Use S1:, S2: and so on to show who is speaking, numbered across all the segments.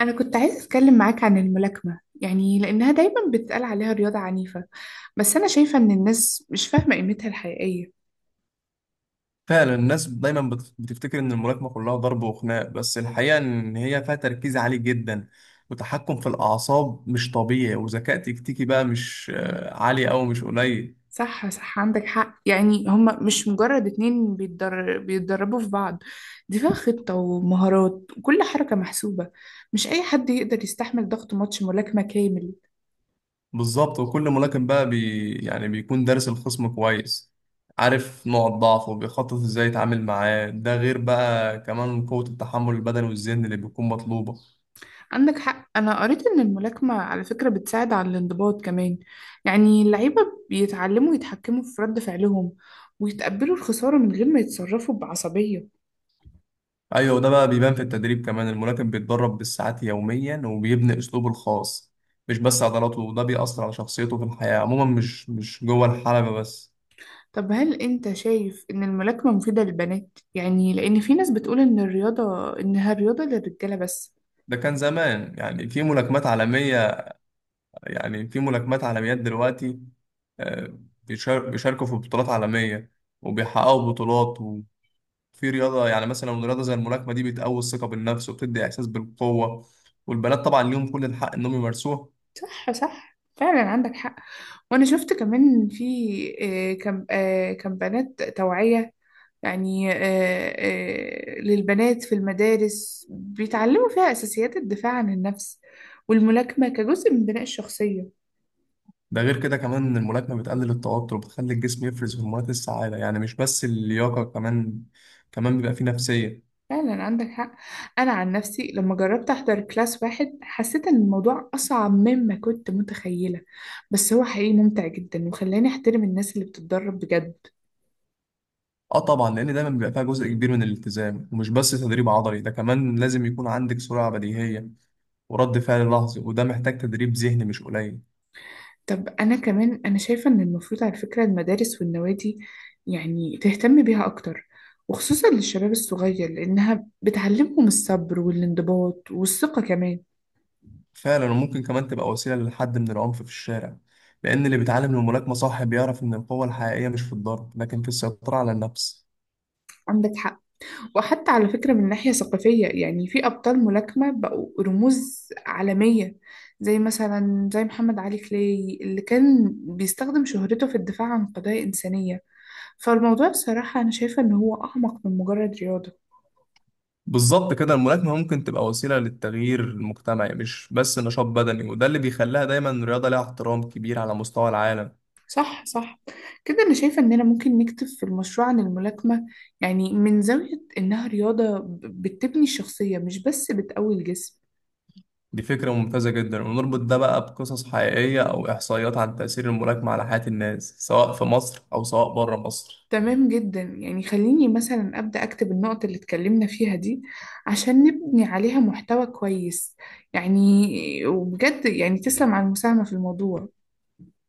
S1: أنا كنت عايزة أتكلم معاك عن الملاكمة، يعني لأنها دايما بتتقال عليها رياضة عنيفة، بس أنا شايفة إن الناس مش فاهمة قيمتها الحقيقية.
S2: فعلا، الناس دايما بتفتكر ان الملاكمه كلها ضرب وخناق، بس الحقيقه ان هي فيها تركيز عالي جدا، وتحكم في الاعصاب مش طبيعي، وذكاء تكتيكي بقى مش عالي او مش قليل.
S1: صح صح، عندك حق، يعني هما مش مجرد بيتدربوا في بعض. دي فيها خطة ومهارات وكل حركة محسوبة. مش أي حد يقدر يستحمل ضغط ماتش ملاكمة كامل.
S2: بالظبط. وكل ملاكم بقى يعني بيكون دارس الخصم كويس، عارف نوع الضعف وبيخطط ازاي يتعامل معاه. ده غير بقى كمان قوة التحمل البدني والذهني اللي بيكون مطلوبة.
S1: عندك حق، أنا قريت إن الملاكمة على فكرة بتساعد على الانضباط كمان، يعني اللعيبة بيتعلموا يتحكموا في رد فعلهم ويتقبلوا الخسارة من غير ما يتصرفوا بعصبية.
S2: ايوه، ده بقى بيبان في التدريب كمان. الملاكم بيتدرب بالساعات يوميا وبيبني اسلوبه الخاص، مش بس عضلاته. وده بيأثر على شخصيته في الحياة عموما، مش جوه الحلبة بس.
S1: طب هل أنت شايف إن الملاكمة مفيدة للبنات؟ يعني لأن في ناس بتقول إن الرياضة إنها رياضة للرجالة بس.
S2: ده كان زمان، يعني في ملاكمات عالمية. يعني في ملاكمات عالميات دلوقتي، بيشاركوا في بطولات عالمية وبيحققوا بطولات. وفي رياضة، يعني مثلا رياضة زي الملاكمة دي بتقوي الثقة بالنفس وبتدي إحساس بالقوة. والبنات طبعا ليهم كل الحق إنهم يمارسوها.
S1: صح صح، فعلا عندك حق، وأنا شفت كمان في آه، كم آه، كم بنات توعية، يعني آه، للبنات في المدارس بيتعلموا فيها أساسيات الدفاع عن النفس والملاكمة كجزء من بناء الشخصية.
S2: ده غير كده كمان إن الملاكمة بتقلل التوتر وبتخلي الجسم يفرز هرمونات السعادة، يعني مش بس اللياقة. كمان بيبقى فيه نفسية.
S1: فعلا عندك حق. أنا عن نفسي لما جربت أحضر كلاس واحد حسيت إن الموضوع أصعب مما كنت متخيلة، بس هو حقيقي ممتع جدا وخلاني أحترم الناس اللي بتتدرب بجد.
S2: اه طبعا، لأن دايما بيبقى فيها جزء كبير من الالتزام، ومش بس تدريب عضلي. ده كمان لازم يكون عندك سرعة بديهية ورد فعل لحظي، وده محتاج تدريب ذهني مش قليل.
S1: طب أنا كمان أنا شايفة إن المفروض على فكرة المدارس والنوادي يعني تهتم بيها أكتر، وخصوصا للشباب الصغير، لأنها بتعلمهم الصبر والانضباط والثقة كمان.
S2: فعلا، وممكن كمان تبقى وسيلة لحد من العنف في الشارع، لأن اللي بيتعلم الملاكمة صح بيعرف إن القوة الحقيقية مش في الضرب، لكن في السيطرة على النفس.
S1: عندك حق، وحتى على فكرة من ناحية ثقافية يعني في أبطال ملاكمة بقوا رموز عالمية، زي مثلا زي محمد علي كلاي اللي كان بيستخدم شهرته في الدفاع عن قضايا إنسانية، فالموضوع بصراحة أنا شايفة إن هو أعمق من مجرد رياضة.
S2: بالظبط كده، الملاكمة ممكن تبقى وسيلة للتغيير المجتمعي، مش بس نشاط بدني. وده اللي بيخليها دايما رياضة ليها احترام كبير على مستوى العالم.
S1: صح صح، كده أنا شايفة إننا ممكن نكتب في المشروع عن الملاكمة، يعني من زاوية إنها رياضة بتبني الشخصية مش بس بتقوي الجسم.
S2: دي فكرة ممتازة جدا، ونربط ده بقى بقصص حقيقية أو إحصائيات عن تأثير الملاكمة على حياة الناس، سواء في مصر أو سواء بره مصر.
S1: تمام جدا، يعني خليني مثلا أبدأ أكتب النقط اللي اتكلمنا فيها دي عشان نبني عليها محتوى كويس، يعني. وبجد يعني تسلم على المساهمة في الموضوع.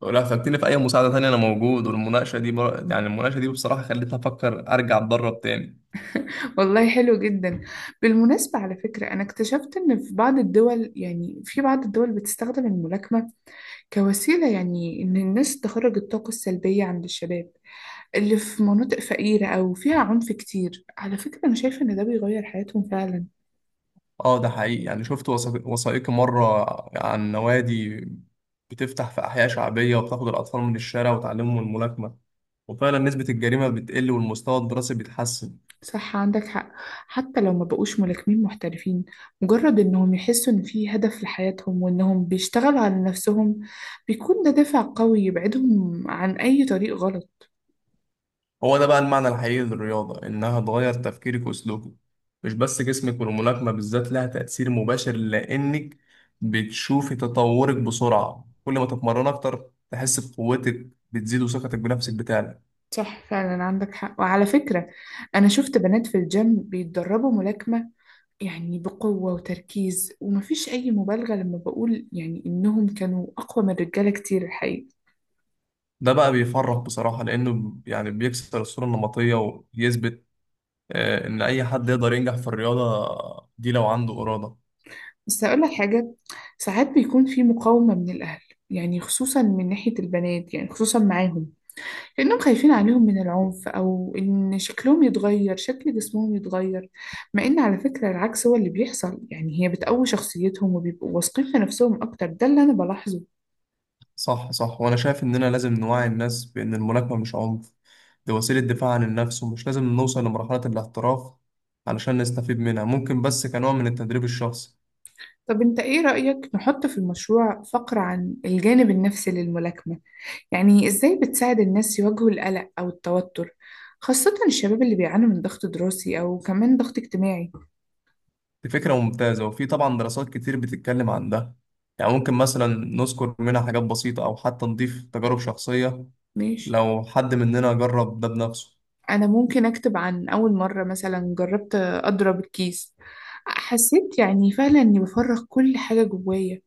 S2: ولو احتجتني في أي مساعدة تانية أنا موجود. والمناقشة دي بر... يعني المناقشة دي بصراحة خلتني أفكر أرجع أتدرب تاني.
S1: والله حلو جدا. بالمناسبة على فكرة أنا اكتشفت إن في بعض الدول، يعني في بعض الدول بتستخدم الملاكمة كوسيلة، يعني إن الناس تخرج الطاقة السلبية عند الشباب اللي في مناطق فقيرة أو فيها عنف كتير. على فكرة أنا شايفة إن ده بيغير حياتهم فعلا.
S2: اه، ده حقيقي. يعني شفت وثائقي مرة عن نوادي بتفتح في أحياء شعبية، وبتاخد الأطفال من الشارع وتعلمهم الملاكمة، وفعلا نسبة الجريمة بتقل والمستوى الدراسي بيتحسن.
S1: صح عندك حق، حتى لو ما بقوش ملاكمين محترفين، مجرد إنهم يحسوا إن في هدف لحياتهم وإنهم بيشتغلوا على نفسهم، بيكون ده دافع قوي يبعدهم عن أي طريق غلط.
S2: هو ده بقى المعنى الحقيقي للرياضة، إنها تغير تفكيرك وسلوكك، مش بس جسمك. والملاكمة بالذات لها تأثير مباشر، لأنك بتشوفي تطورك بسرعة، كل ما تتمرن أكتر تحس بقوتك بتزيد وثقتك بنفسك بتعلى.
S1: صح فعلا عندك حق. وعلى فكرة أنا شفت بنات في الجيم بيتدربوا ملاكمة، يعني بقوة وتركيز، ومفيش أي مبالغة لما بقول يعني إنهم كانوا أقوى من الرجالة كتير الحقيقة.
S2: ده بقى بيفرح بصراحة، لأنه يعني بيكسر الصورة النمطية ويثبت إن أي حد يقدر ينجح في الرياضة دي لو عنده إرادة.
S1: بس هقول لك حاجة، ساعات بيكون في مقاومة من الأهل، يعني خصوصا من ناحية البنات يعني خصوصا معاهم، لأنهم خايفين عليهم من العنف أو إن شكلهم يتغير، شكل جسمهم يتغير، مع إن على فكرة العكس هو اللي بيحصل، يعني هي بتقوي شخصيتهم وبيبقوا واثقين في نفسهم أكتر، ده اللي أنا بلاحظه.
S2: صح صح، وانا شايف اننا لازم نوعي الناس بان الملاكمه مش عنف، دي وسيله دفاع عن النفس. ومش لازم نوصل لمرحله الاحتراف علشان نستفيد منها، ممكن بس كنوع من التدريب الشخصي.
S1: طب أنت إيه رأيك نحط في المشروع فقرة عن الجانب النفسي للملاكمة، يعني إزاي بتساعد الناس يواجهوا القلق أو التوتر، خاصة الشباب اللي بيعانوا من ضغط دراسي أو كمان ضغط اجتماعي.
S2: دي فكره ممتازه، وفي طبعا دراسات كتير بتتكلم عن ده. يعني ممكن مثلا نذكر منها حاجات بسيطه، او حتى نضيف تجارب شخصيه
S1: ماشي.
S2: لو حد مننا جرب ده بنفسه.
S1: أنا ممكن أكتب عن أول مرة مثلا جربت أضرب الكيس، حسيت يعني فعلا إني بفرغ كل حاجة جوايا،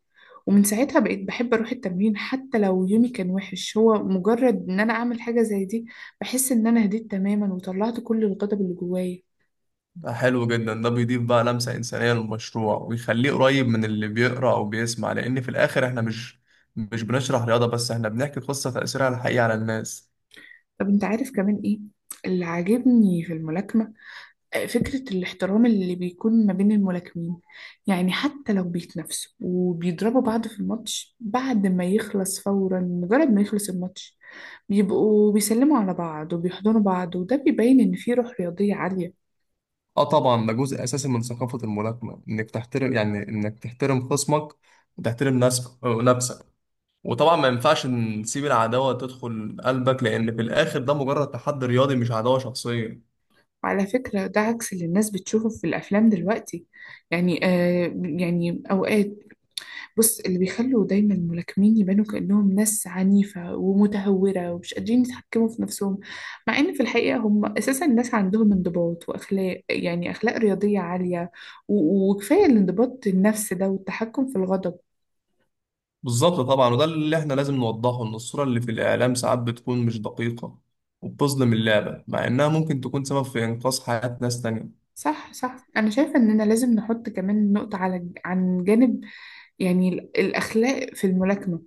S1: ومن ساعتها بقيت بحب أروح التمرين حتى لو يومي كان وحش. هو مجرد إن أنا أعمل حاجة زي دي بحس إن أنا هديت تماما وطلعت كل الغضب اللي جوايا.
S2: ده حلو جدا، ده بيضيف بقى لمسة إنسانية للمشروع ويخليه قريب من اللي بيقرأ أو بيسمع، لأن في الآخر إحنا مش بنشرح رياضة بس، إحنا بنحكي قصة تأثيرها على الحقيقة على الناس.
S1: طب أنت عارف كمان إيه اللي عاجبني في الملاكمة؟ فكرة الاحترام اللي بيكون ما بين الملاكمين، يعني حتى لو بيتنافسوا وبيضربوا بعض في الماتش، بعد ما يخلص فورا، مجرد ما يخلص الماتش بيبقوا بيسلموا على بعض وبيحضنوا بعض، وده بيبين إن في روح رياضية عالية.
S2: آه طبعا، ده جزء أساسي من ثقافة الملاكمة، إنك تحترم يعني إنك تحترم خصمك وتحترم نفسك. وطبعا ما ينفعش نسيب العداوة تدخل قلبك، لأن في الآخر ده مجرد تحدي رياضي مش عداوة شخصية.
S1: وعلى فكرة ده عكس اللي الناس بتشوفه في الأفلام دلوقتي، يعني آه يعني أوقات، بص اللي بيخلوا دايما الملاكمين يبانوا كأنهم ناس عنيفة ومتهورة ومش قادرين يتحكموا في نفسهم، مع إن في الحقيقة هم أساسا ناس عندهم انضباط وأخلاق، يعني أخلاق رياضية عالية، وكفاية الانضباط النفسي ده والتحكم في الغضب.
S2: بالظبط طبعا، وده اللي احنا لازم نوضحه، ان الصورة اللي في الإعلام ساعات بتكون مش دقيقة وبتظلم اللعبة، مع إنها ممكن تكون سبب في إنقاذ حياة ناس تانية.
S1: صح صح، أنا شايفة إننا لازم نحط كمان نقطة على عن جانب يعني الأخلاق في الملاكمة،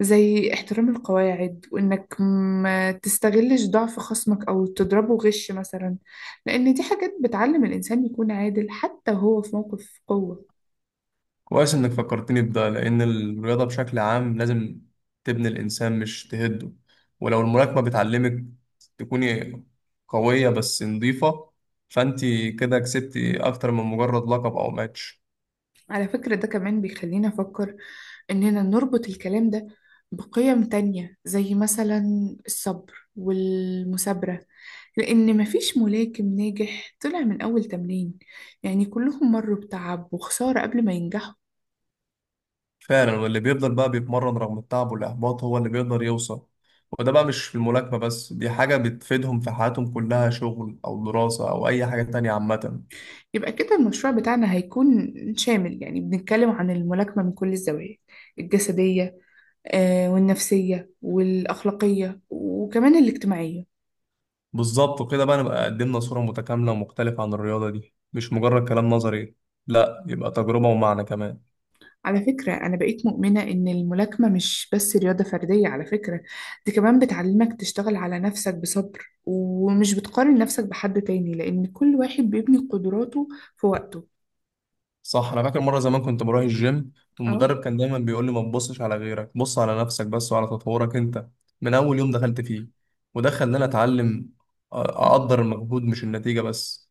S1: زي احترام القواعد وإنك ما تستغلش ضعف خصمك أو تضربه غش مثلا، لأن دي حاجات بتعلم الإنسان يكون عادل حتى وهو في موقف قوة.
S2: كويس إنك فكرتني بده، لأن الرياضة بشكل عام لازم تبني الإنسان مش تهده. ولو الملاكمة بتعلمك تكوني قوية بس نضيفة، فأنت كده كسبتي أكتر من مجرد لقب أو ماتش.
S1: على فكرة ده كمان بيخلينا أفكر إننا نربط الكلام ده بقيم تانية، زي مثلا الصبر والمثابرة، لأن مفيش ملاكم ناجح طلع من أول تمرين، يعني كلهم مروا بتعب وخسارة قبل ما ينجحوا.
S2: فعلا، واللي بيفضل بقى بيتمرن رغم التعب والإحباط هو اللي بيقدر يوصل. وده بقى مش في الملاكمة بس، دي حاجة بتفيدهم في حياتهم كلها، شغل أو دراسة أو أي حاجة تانية عامة.
S1: يبقى كده المشروع بتاعنا هيكون شامل، يعني بنتكلم عن الملاكمة من كل الزوايا، الجسدية والنفسية والأخلاقية وكمان الاجتماعية.
S2: بالظبط، وكده بقى نبقى قدمنا صورة متكاملة ومختلفة عن الرياضة دي، مش مجرد كلام نظري. لا، يبقى تجربة ومعنى كمان.
S1: على فكرة أنا بقيت مؤمنة إن الملاكمة مش بس رياضة فردية، على فكرة دي كمان بتعلمك تشتغل على نفسك بصبر، ومش بتقارن نفسك بحد تاني لأن كل واحد بيبني قدراته في وقته.
S2: صح، أنا فاكر مرة زمان كنت بروح الجيم، والمدرب كان دايما بيقول لي ما تبصش على غيرك، بص على نفسك بس وعلى تطورك أنت من أول يوم دخلت فيه. وده خلاني أتعلم
S1: أه،
S2: أقدر المجهود مش النتيجة بس.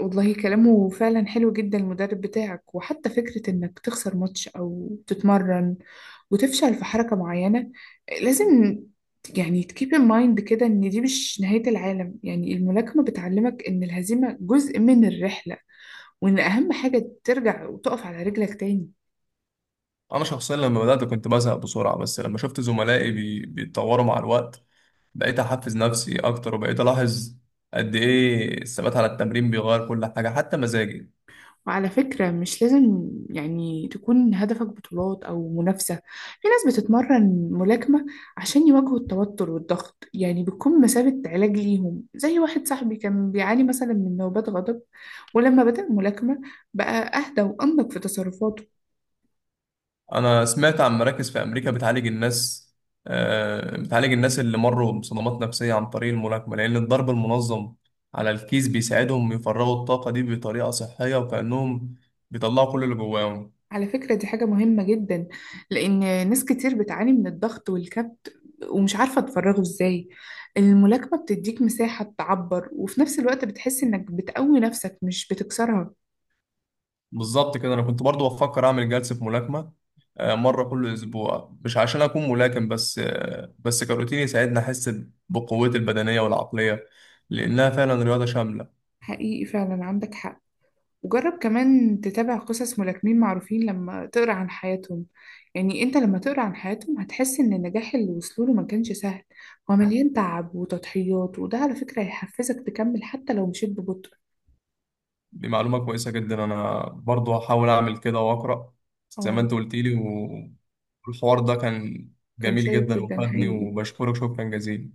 S1: والله كلامه فعلا حلو جدا المدرب بتاعك. وحتى فكرة انك تخسر ماتش او تتمرن وتفشل في حركة معينة، لازم يعني تكيب ان مايند كده، ان دي مش نهاية العالم، يعني الملاكمة بتعلمك ان الهزيمة جزء من الرحلة، وان اهم حاجة ترجع وتقف على رجلك تاني.
S2: انا شخصيا لما بدات كنت بزهق بسرعه، بس لما شفت زملائي بيتطوروا مع الوقت، بقيت احفز نفسي اكتر وبقيت الاحظ قد ايه الثبات على التمرين بيغير كل حاجه حتى مزاجي.
S1: وعلى فكرة مش لازم يعني تكون هدفك بطولات أو منافسة، في ناس بتتمرن ملاكمة عشان يواجهوا التوتر والضغط، يعني بتكون مثابة علاج ليهم، زي واحد صاحبي كان بيعاني مثلا من نوبات غضب، ولما بدأ ملاكمة بقى أهدى وأنضج في تصرفاته.
S2: انا سمعت عن مراكز في امريكا بتعالج الناس اللي مروا بصدمات نفسيه عن طريق الملاكمه، لان الضرب المنظم على الكيس بيساعدهم يفرغوا الطاقه دي بطريقه صحيه، وكانهم بيطلعوا كل اللي جواهم.
S1: على فكرة دي حاجة مهمة جدا، لأن ناس كتير بتعاني من الضغط والكبت ومش عارفة تفرغه إزاي، الملاكمة بتديك مساحة تعبر، وفي نفس الوقت بتحس إنك بتقوي نفسك مش بتكسرها.
S2: بالظبط كده، انا كنت برضو بفكر اعمل جلسة ملاكمة مرة كل اسبوع، مش عشان اكون ملاكم بس، بس كروتين يساعدني احس بقوتي البدنية والعقلية، لانها فعلا رياضة شاملة.
S1: حقيقي فعلا عندك حق. وجرب كمان تتابع قصص ملاكمين معروفين، لما تقرأ عن حياتهم، يعني انت لما تقرأ عن حياتهم هتحس ان النجاح اللي وصلوا له ما كانش سهل، هو مليان تعب وتضحيات، وده على فكرة هيحفزك تكمل حتى لو مشيت ببطء.
S2: دي معلومة كويسة جدا، انا برضو هحاول اعمل كده واقرا زي ما
S1: اه.
S2: انت قلت لي. والحوار ده كان
S1: كان
S2: جميل
S1: شيق
S2: جدا
S1: جدا
S2: وفادني،
S1: حقيقي.
S2: وبشكرك شكرا جزيلا.